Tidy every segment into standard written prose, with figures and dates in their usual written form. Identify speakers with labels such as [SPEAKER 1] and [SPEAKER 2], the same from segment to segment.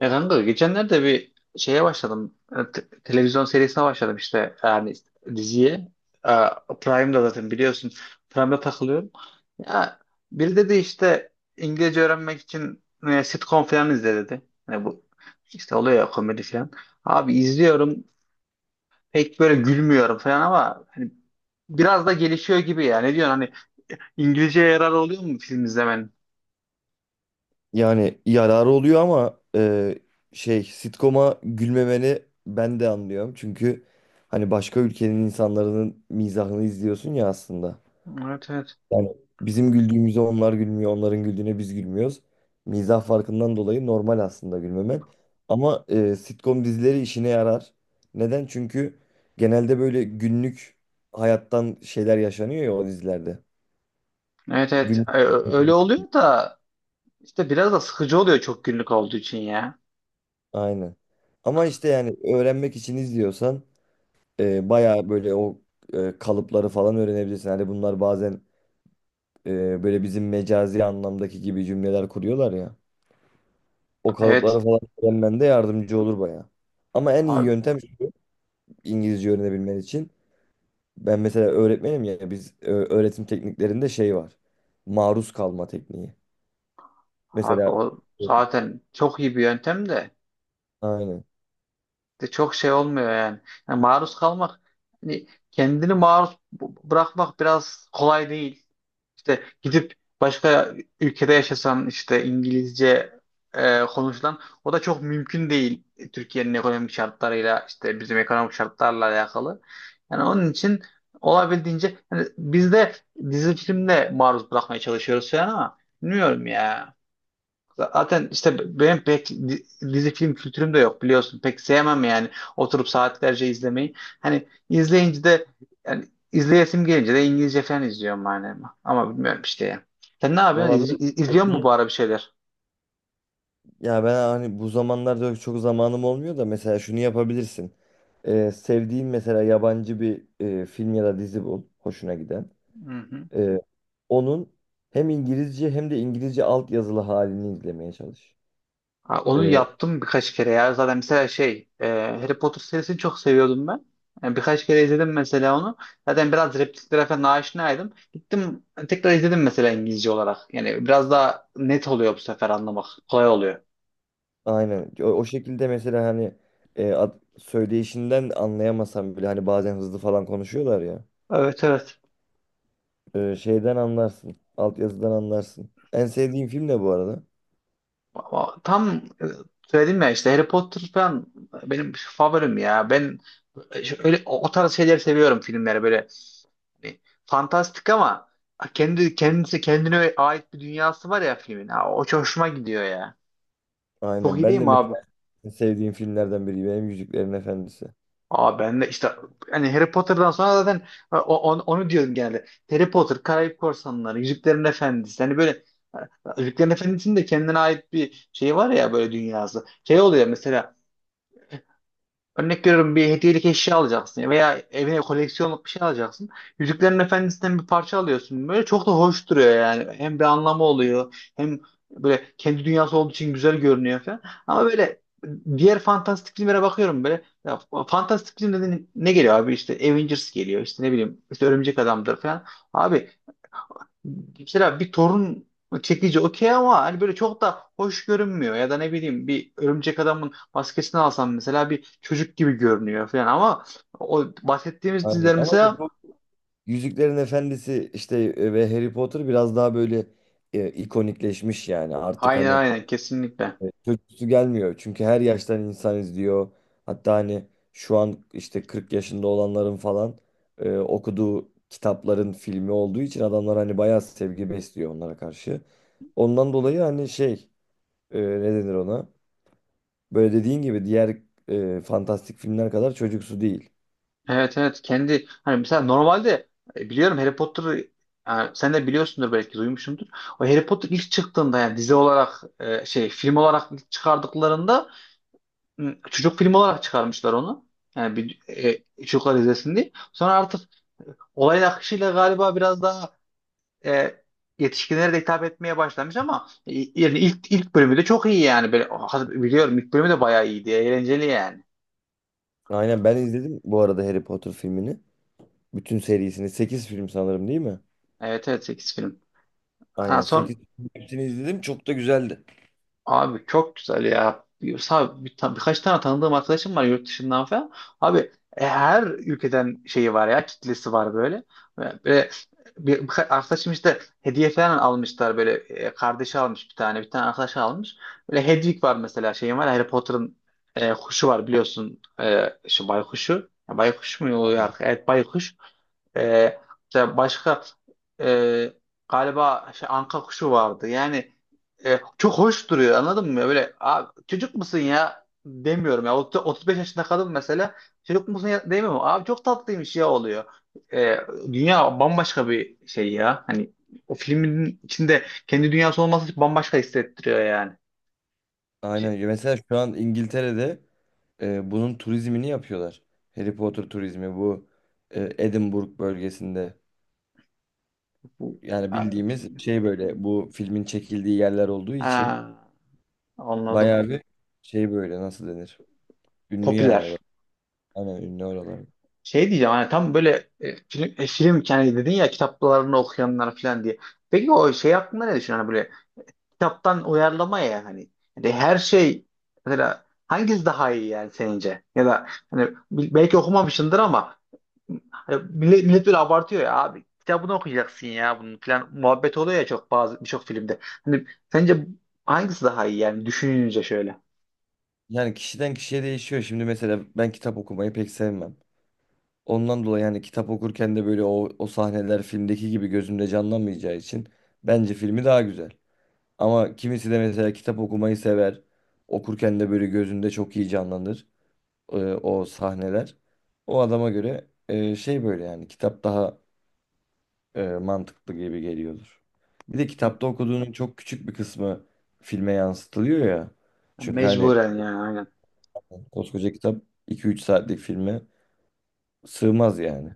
[SPEAKER 1] Ya kanka geçenlerde bir şeye başladım. Televizyon serisine başladım işte yani diziye. E, Prime'da zaten biliyorsun. Prime'da takılıyorum. Ya biri dedi işte İngilizce öğrenmek için sitcom falan izle dedi. Yani bu işte oluyor ya komedi falan. Abi izliyorum, pek böyle gülmüyorum falan ama hani biraz da gelişiyor gibi ya. Ne diyorsun hani, İngilizceye yarar oluyor mu film izlemenin?
[SPEAKER 2] Yani yararı oluyor ama sitcom'a gülmemeni ben de anlıyorum. Çünkü hani başka ülkenin insanların mizahını izliyorsun ya aslında.
[SPEAKER 1] Evet, evet.
[SPEAKER 2] Yani bizim güldüğümüze onlar gülmüyor, onların güldüğüne biz gülmüyoruz. Mizah farkından dolayı normal aslında gülmemen. Ama sitcom dizileri işine yarar. Neden? Çünkü genelde böyle günlük hayattan şeyler yaşanıyor ya o dizilerde.
[SPEAKER 1] Evet, evet.
[SPEAKER 2] Günlük.
[SPEAKER 1] Öyle oluyor da İşte biraz da sıkıcı oluyor çok günlük olduğu için ya.
[SPEAKER 2] Aynen. Ama işte yani öğrenmek için izliyorsan bayağı böyle kalıpları falan öğrenebilirsin. Hani bunlar bazen böyle bizim mecazi anlamdaki gibi cümleler kuruyorlar ya. O kalıpları
[SPEAKER 1] Evet
[SPEAKER 2] falan öğrenmen de yardımcı olur bayağı. Ama en iyi
[SPEAKER 1] abi,
[SPEAKER 2] yöntem şu İngilizce öğrenebilmen için. Ben mesela öğretmenim ya biz öğretim tekniklerinde şey var. Maruz kalma tekniği.
[SPEAKER 1] abi
[SPEAKER 2] Mesela
[SPEAKER 1] o zaten çok iyi bir yöntem de
[SPEAKER 2] aynen.
[SPEAKER 1] çok şey olmuyor yani. Yani maruz kalmak, hani kendini maruz bırakmak biraz kolay değil. İşte gidip başka ülkede yaşasan işte İngilizce konuşulan, o da çok mümkün değil. Türkiye'nin ekonomik şartlarıyla, işte bizim ekonomik şartlarla alakalı. Yani onun için olabildiğince hani biz de dizi filmle maruz bırakmaya çalışıyoruz falan ama bilmiyorum ya. Zaten işte benim pek dizi film kültürüm de yok, biliyorsun. Pek sevmem yani oturup saatlerce izlemeyi. Hani izleyince de, yani izleyesim gelince de İngilizce falan izliyorum yani. Ama bilmiyorum işte ya. Sen ne yapıyorsun?
[SPEAKER 2] Olabilir.
[SPEAKER 1] İzliyor musun bu ara bir şeyler?
[SPEAKER 2] Ya ben hani bu zamanlarda çok zamanım olmuyor da mesela şunu yapabilirsin. Sevdiğin mesela yabancı bir film ya da dizi bul hoşuna giden.
[SPEAKER 1] Hı hı.
[SPEAKER 2] Ee, Onun hem İngilizce hem de İngilizce altyazılı halini izlemeye çalış.
[SPEAKER 1] Ha, onu
[SPEAKER 2] Ee,
[SPEAKER 1] yaptım birkaç kere ya. Zaten mesela şey, Harry Potter serisini çok seviyordum ben. Yani birkaç kere izledim mesela onu. Zaten biraz repliklere falan aşinaydım. Gittim tekrar izledim mesela İngilizce olarak. Yani biraz daha net oluyor bu sefer anlamak. Kolay oluyor.
[SPEAKER 2] aynen o şekilde mesela hani söyleyişinden anlayamasam bile hani bazen hızlı falan konuşuyorlar ya.
[SPEAKER 1] Evet, evet.
[SPEAKER 2] Şeyden anlarsın. Altyazıdan anlarsın. En sevdiğim film ne bu arada?
[SPEAKER 1] Ama tam söyledim ya işte, Harry Potter falan benim favorim ya. Ben öyle o tarz şeyler seviyorum, filmleri böyle. Hani fantastik ama kendine ait bir dünyası var ya filmin. Ha, o çok hoşuma gidiyor ya. Çok
[SPEAKER 2] Aynen
[SPEAKER 1] iyi değil
[SPEAKER 2] ben de
[SPEAKER 1] mi abi?
[SPEAKER 2] mesela en sevdiğim filmlerden biri benim Yüzüklerin Efendisi.
[SPEAKER 1] Aa, ben de işte hani Harry Potter'dan sonra zaten onu diyorum genelde. Harry Potter, Karayip Korsanları, Yüzüklerin Efendisi. Hani böyle Yüzüklerin Efendisi'nin de kendine ait bir şey var ya, böyle dünyası. Şey oluyor mesela, örnek veriyorum, bir hediyelik eşya alacaksın veya evine koleksiyonluk bir şey alacaksın. Yüzüklerin Efendisi'nden bir parça alıyorsun. Böyle çok da hoş duruyor yani. Hem bir anlamı oluyor, hem böyle kendi dünyası olduğu için güzel görünüyor falan. Ama böyle diğer fantastik filmlere bakıyorum böyle. Ya, fantastik film dediğin ne geliyor abi? İşte Avengers geliyor, işte ne bileyim, işte Örümcek Adam'dır falan. Abi, mesela bir torun çekici okey, ama hani böyle çok da hoş görünmüyor. Ya da ne bileyim, bir örümcek adamın maskesini alsam mesela, bir çocuk gibi görünüyor falan. Ama o bahsettiğimiz
[SPEAKER 2] Aynen.
[SPEAKER 1] diziler
[SPEAKER 2] Ama işte
[SPEAKER 1] mesela,
[SPEAKER 2] bu Yüzüklerin Efendisi işte ve Harry Potter biraz daha böyle ikonikleşmiş yani. Artık
[SPEAKER 1] aynen
[SPEAKER 2] hani
[SPEAKER 1] aynen, kesinlikle.
[SPEAKER 2] çocuksu gelmiyor. Çünkü her yaştan insan izliyor. Hatta hani şu an işte 40 yaşında olanların falan okuduğu kitapların filmi olduğu için adamlar hani bayağı sevgi besliyor onlara karşı. Ondan dolayı hani ne denir ona? Böyle dediğin gibi diğer fantastik filmler kadar çocuksu değil.
[SPEAKER 1] Evet evet, kendi hani mesela normalde biliyorum Harry Potter'ı, yani sen de biliyorsundur, belki duymuşsundur. O Harry Potter ilk çıktığında, yani dizi olarak şey, film olarak ilk çıkardıklarında çocuk filmi olarak çıkarmışlar onu. Yani bir çocuklar izlesin diye. Sonra artık olayın akışıyla galiba biraz daha e, yetişkinlere de hitap etmeye başlamış ama yani ilk bölümü de çok iyi yani. Böyle, biliyorum ilk bölümü de bayağı iyiydi. Eğlenceli yani.
[SPEAKER 2] Aynen ben izledim bu arada Harry Potter filmini. Bütün serisini. 8 film sanırım değil mi?
[SPEAKER 1] Evet evet, 8 film. Ha,
[SPEAKER 2] Aynen
[SPEAKER 1] son.
[SPEAKER 2] 8 film hepsini izledim. Çok da güzeldi.
[SPEAKER 1] Abi çok güzel ya. Birkaç tane tanıdığım arkadaşım var yurt dışından falan. Abi, her ülkeden şeyi var ya, kitlesi var böyle. Böyle bir, birkaç arkadaşım işte hediye falan almışlar. Böyle kardeşi almış, bir tane, bir tane arkadaş almış. Böyle Hedwig var mesela, şeyim var, Harry Potter'ın kuşu var biliyorsun, şu baykuşu. Ya baykuş mu oluyor?
[SPEAKER 2] Aynen.
[SPEAKER 1] Evet, baykuş. Ee, işte başka e, galiba şey, anka kuşu vardı. Yani çok hoş duruyor, anladın mı? Böyle abi, çocuk musun ya demiyorum ya. 35 yaşında kadın mesela, çocuk musun ya demiyorum. Abi, çok tatlıymış ya oluyor. Ee, Dünya bambaşka bir şey ya. Hani o filmin içinde kendi dünyası olması bambaşka hissettiriyor yani. Şey,
[SPEAKER 2] Aynen. Mesela şu an İngiltere'de bunun turizmini yapıyorlar. Harry Potter turizmi bu Edinburgh bölgesinde.
[SPEAKER 1] bu,
[SPEAKER 2] Yani
[SPEAKER 1] ha,
[SPEAKER 2] bildiğimiz şey böyle bu filmin çekildiği yerler olduğu için
[SPEAKER 1] ha, anladım.
[SPEAKER 2] bayağı bir şey böyle nasıl denir? Ünlü yani oralar.
[SPEAKER 1] Popüler.
[SPEAKER 2] Aynen ünlü oralar.
[SPEAKER 1] Şey diyeceğim, hani tam böyle film, film, yani dedin ya kitaplarını okuyanlar falan diye. Peki o şey hakkında ne düşünüyorsun? Hani böyle kitaptan uyarlama ya hani. Yani her şey mesela, hangisi daha iyi yani senince? Ya da hani belki okumamışsındır ama hani millet böyle abartıyor ya abi. Kitabını okuyacaksın ya bunun falan muhabbet oluyor ya çok, bazı birçok filmde. Hani sence hangisi daha iyi yani düşününce şöyle.
[SPEAKER 2] Yani kişiden kişiye değişiyor. Şimdi mesela ben kitap okumayı pek sevmem. Ondan dolayı yani kitap okurken de böyle o sahneler filmdeki gibi gözümde canlanmayacağı için bence filmi daha güzel. Ama kimisi de mesela kitap okumayı sever. Okurken de böyle gözünde çok iyi canlanır o sahneler. O adama göre böyle yani kitap daha mantıklı gibi geliyordur. Bir de kitapta okuduğunun çok küçük bir kısmı filme yansıtılıyor ya. Çünkü hani
[SPEAKER 1] Mecburen yani, aynen.
[SPEAKER 2] koskoca kitap 2 3 saatlik filme sığmaz yani.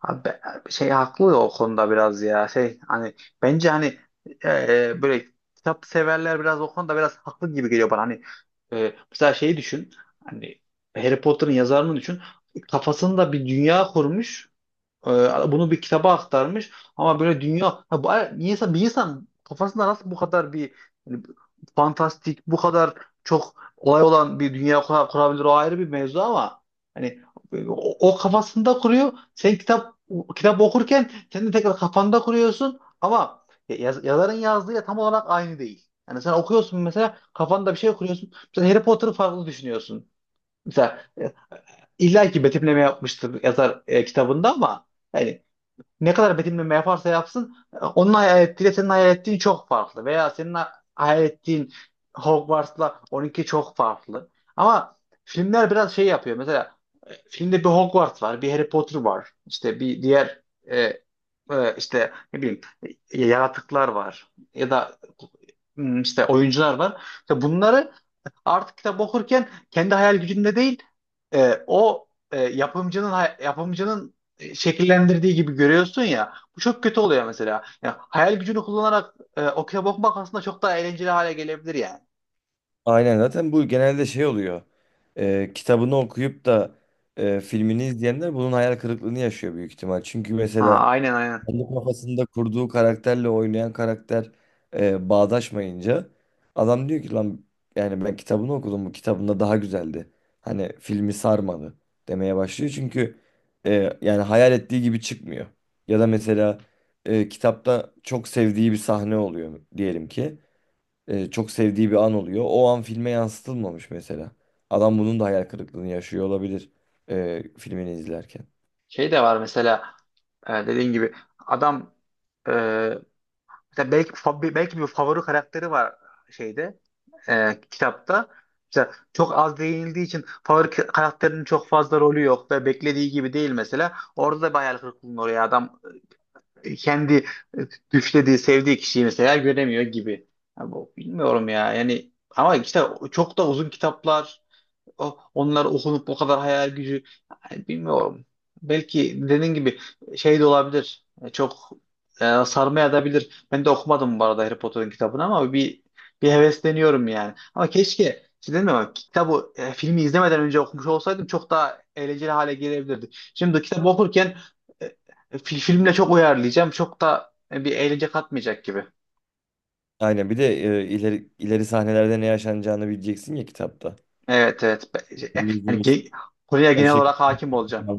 [SPEAKER 1] Abi şey haklı ya o konuda biraz ya, şey hani, bence hani böyle kitap severler biraz o konuda biraz haklı gibi geliyor bana. Hani mesela şeyi düşün, hani Harry Potter'ın yazarını düşün, kafasında bir dünya kurmuş. Bunu bir kitaba aktarmış ama böyle dünya, bir insan kafasında nasıl bu kadar bir, hani, fantastik, bu kadar çok olay olan bir dünya kurabilir, o ayrı bir mevzu. Ama hani o kafasında kuruyor, sen kitap okurken sen de tekrar kafanda kuruyorsun, ama yazarın yazdığı tam olarak aynı değil. Yani sen okuyorsun mesela, kafanda bir şey kuruyorsun. Mesela Harry Potter'ı farklı düşünüyorsun. Mesela illa ki betimleme yapmıştır yazar kitabında, ama yani ne kadar betimleme yaparsa yapsın onun hayal ettiğiyle senin hayal ettiğin çok farklı. Veya senin hayal ettiğin Hogwarts'la onunki çok farklı. Ama filmler biraz şey yapıyor. Mesela filmde bir Hogwarts var, bir Harry Potter var. İşte bir diğer e, işte ne bileyim, yaratıklar var, ya da işte oyuncular var. İşte bunları artık kitap okurken kendi hayal gücünde değil, o yapımcının, yapımcının şekillendirdiği gibi görüyorsun ya. Bu çok kötü oluyor mesela. Ya, hayal gücünü kullanarak okey bakmak aslında çok daha eğlenceli hale gelebilir yani.
[SPEAKER 2] Aynen zaten bu genelde şey oluyor. Kitabını okuyup da filmini izleyenler bunun hayal kırıklığını yaşıyor büyük ihtimal. Çünkü mesela
[SPEAKER 1] Ha, aynen aynen.
[SPEAKER 2] kendi kafasında kurduğu karakterle oynayan karakter bağdaşmayınca adam diyor ki lan yani ben kitabını okudum bu kitabında daha güzeldi. Hani filmi sarmadı demeye başlıyor çünkü yani hayal ettiği gibi çıkmıyor. Ya da mesela kitapta çok sevdiği bir sahne oluyor diyelim ki. E, çok sevdiği bir an oluyor. O an filme yansıtılmamış mesela. Adam bunun da hayal kırıklığını yaşıyor olabilir filmini izlerken.
[SPEAKER 1] Şey de var mesela, dediğin gibi, adam e, mesela belki belki bir favori karakteri var şeyde, kitapta. Mesela çok az değinildiği için favori karakterinin çok fazla rolü yok ve beklediği gibi değil mesela. Orada da bir hayal kırıklığına uğruyor adam. Kendi düşlediği, sevdiği kişiyi mesela göremiyor gibi. Ya bu, bilmiyorum ya. Yani ama işte çok da uzun kitaplar, onlar okunup bu kadar hayal gücü, yani bilmiyorum. Belki dediğin gibi şey de olabilir. Çok sarmaya da bilir. Ben de okumadım bu arada Harry Potter'ın kitabını, ama bir hevesleniyorum yani. Ama keşke, işte dedim ama, kitabı filmi izlemeden önce okumuş olsaydım çok daha eğlenceli hale gelebilirdi. Şimdi kitabı okurken e, filmle çok uyarlayacağım. Çok da bir eğlence katmayacak gibi.
[SPEAKER 2] Aynen bir de ileri sahnelerde ne yaşanacağını bileceksin ya kitapta.
[SPEAKER 1] Evet, evet. Yani
[SPEAKER 2] İzleriz.
[SPEAKER 1] konuya
[SPEAKER 2] O
[SPEAKER 1] genel olarak
[SPEAKER 2] şekilde.
[SPEAKER 1] hakim olacağım.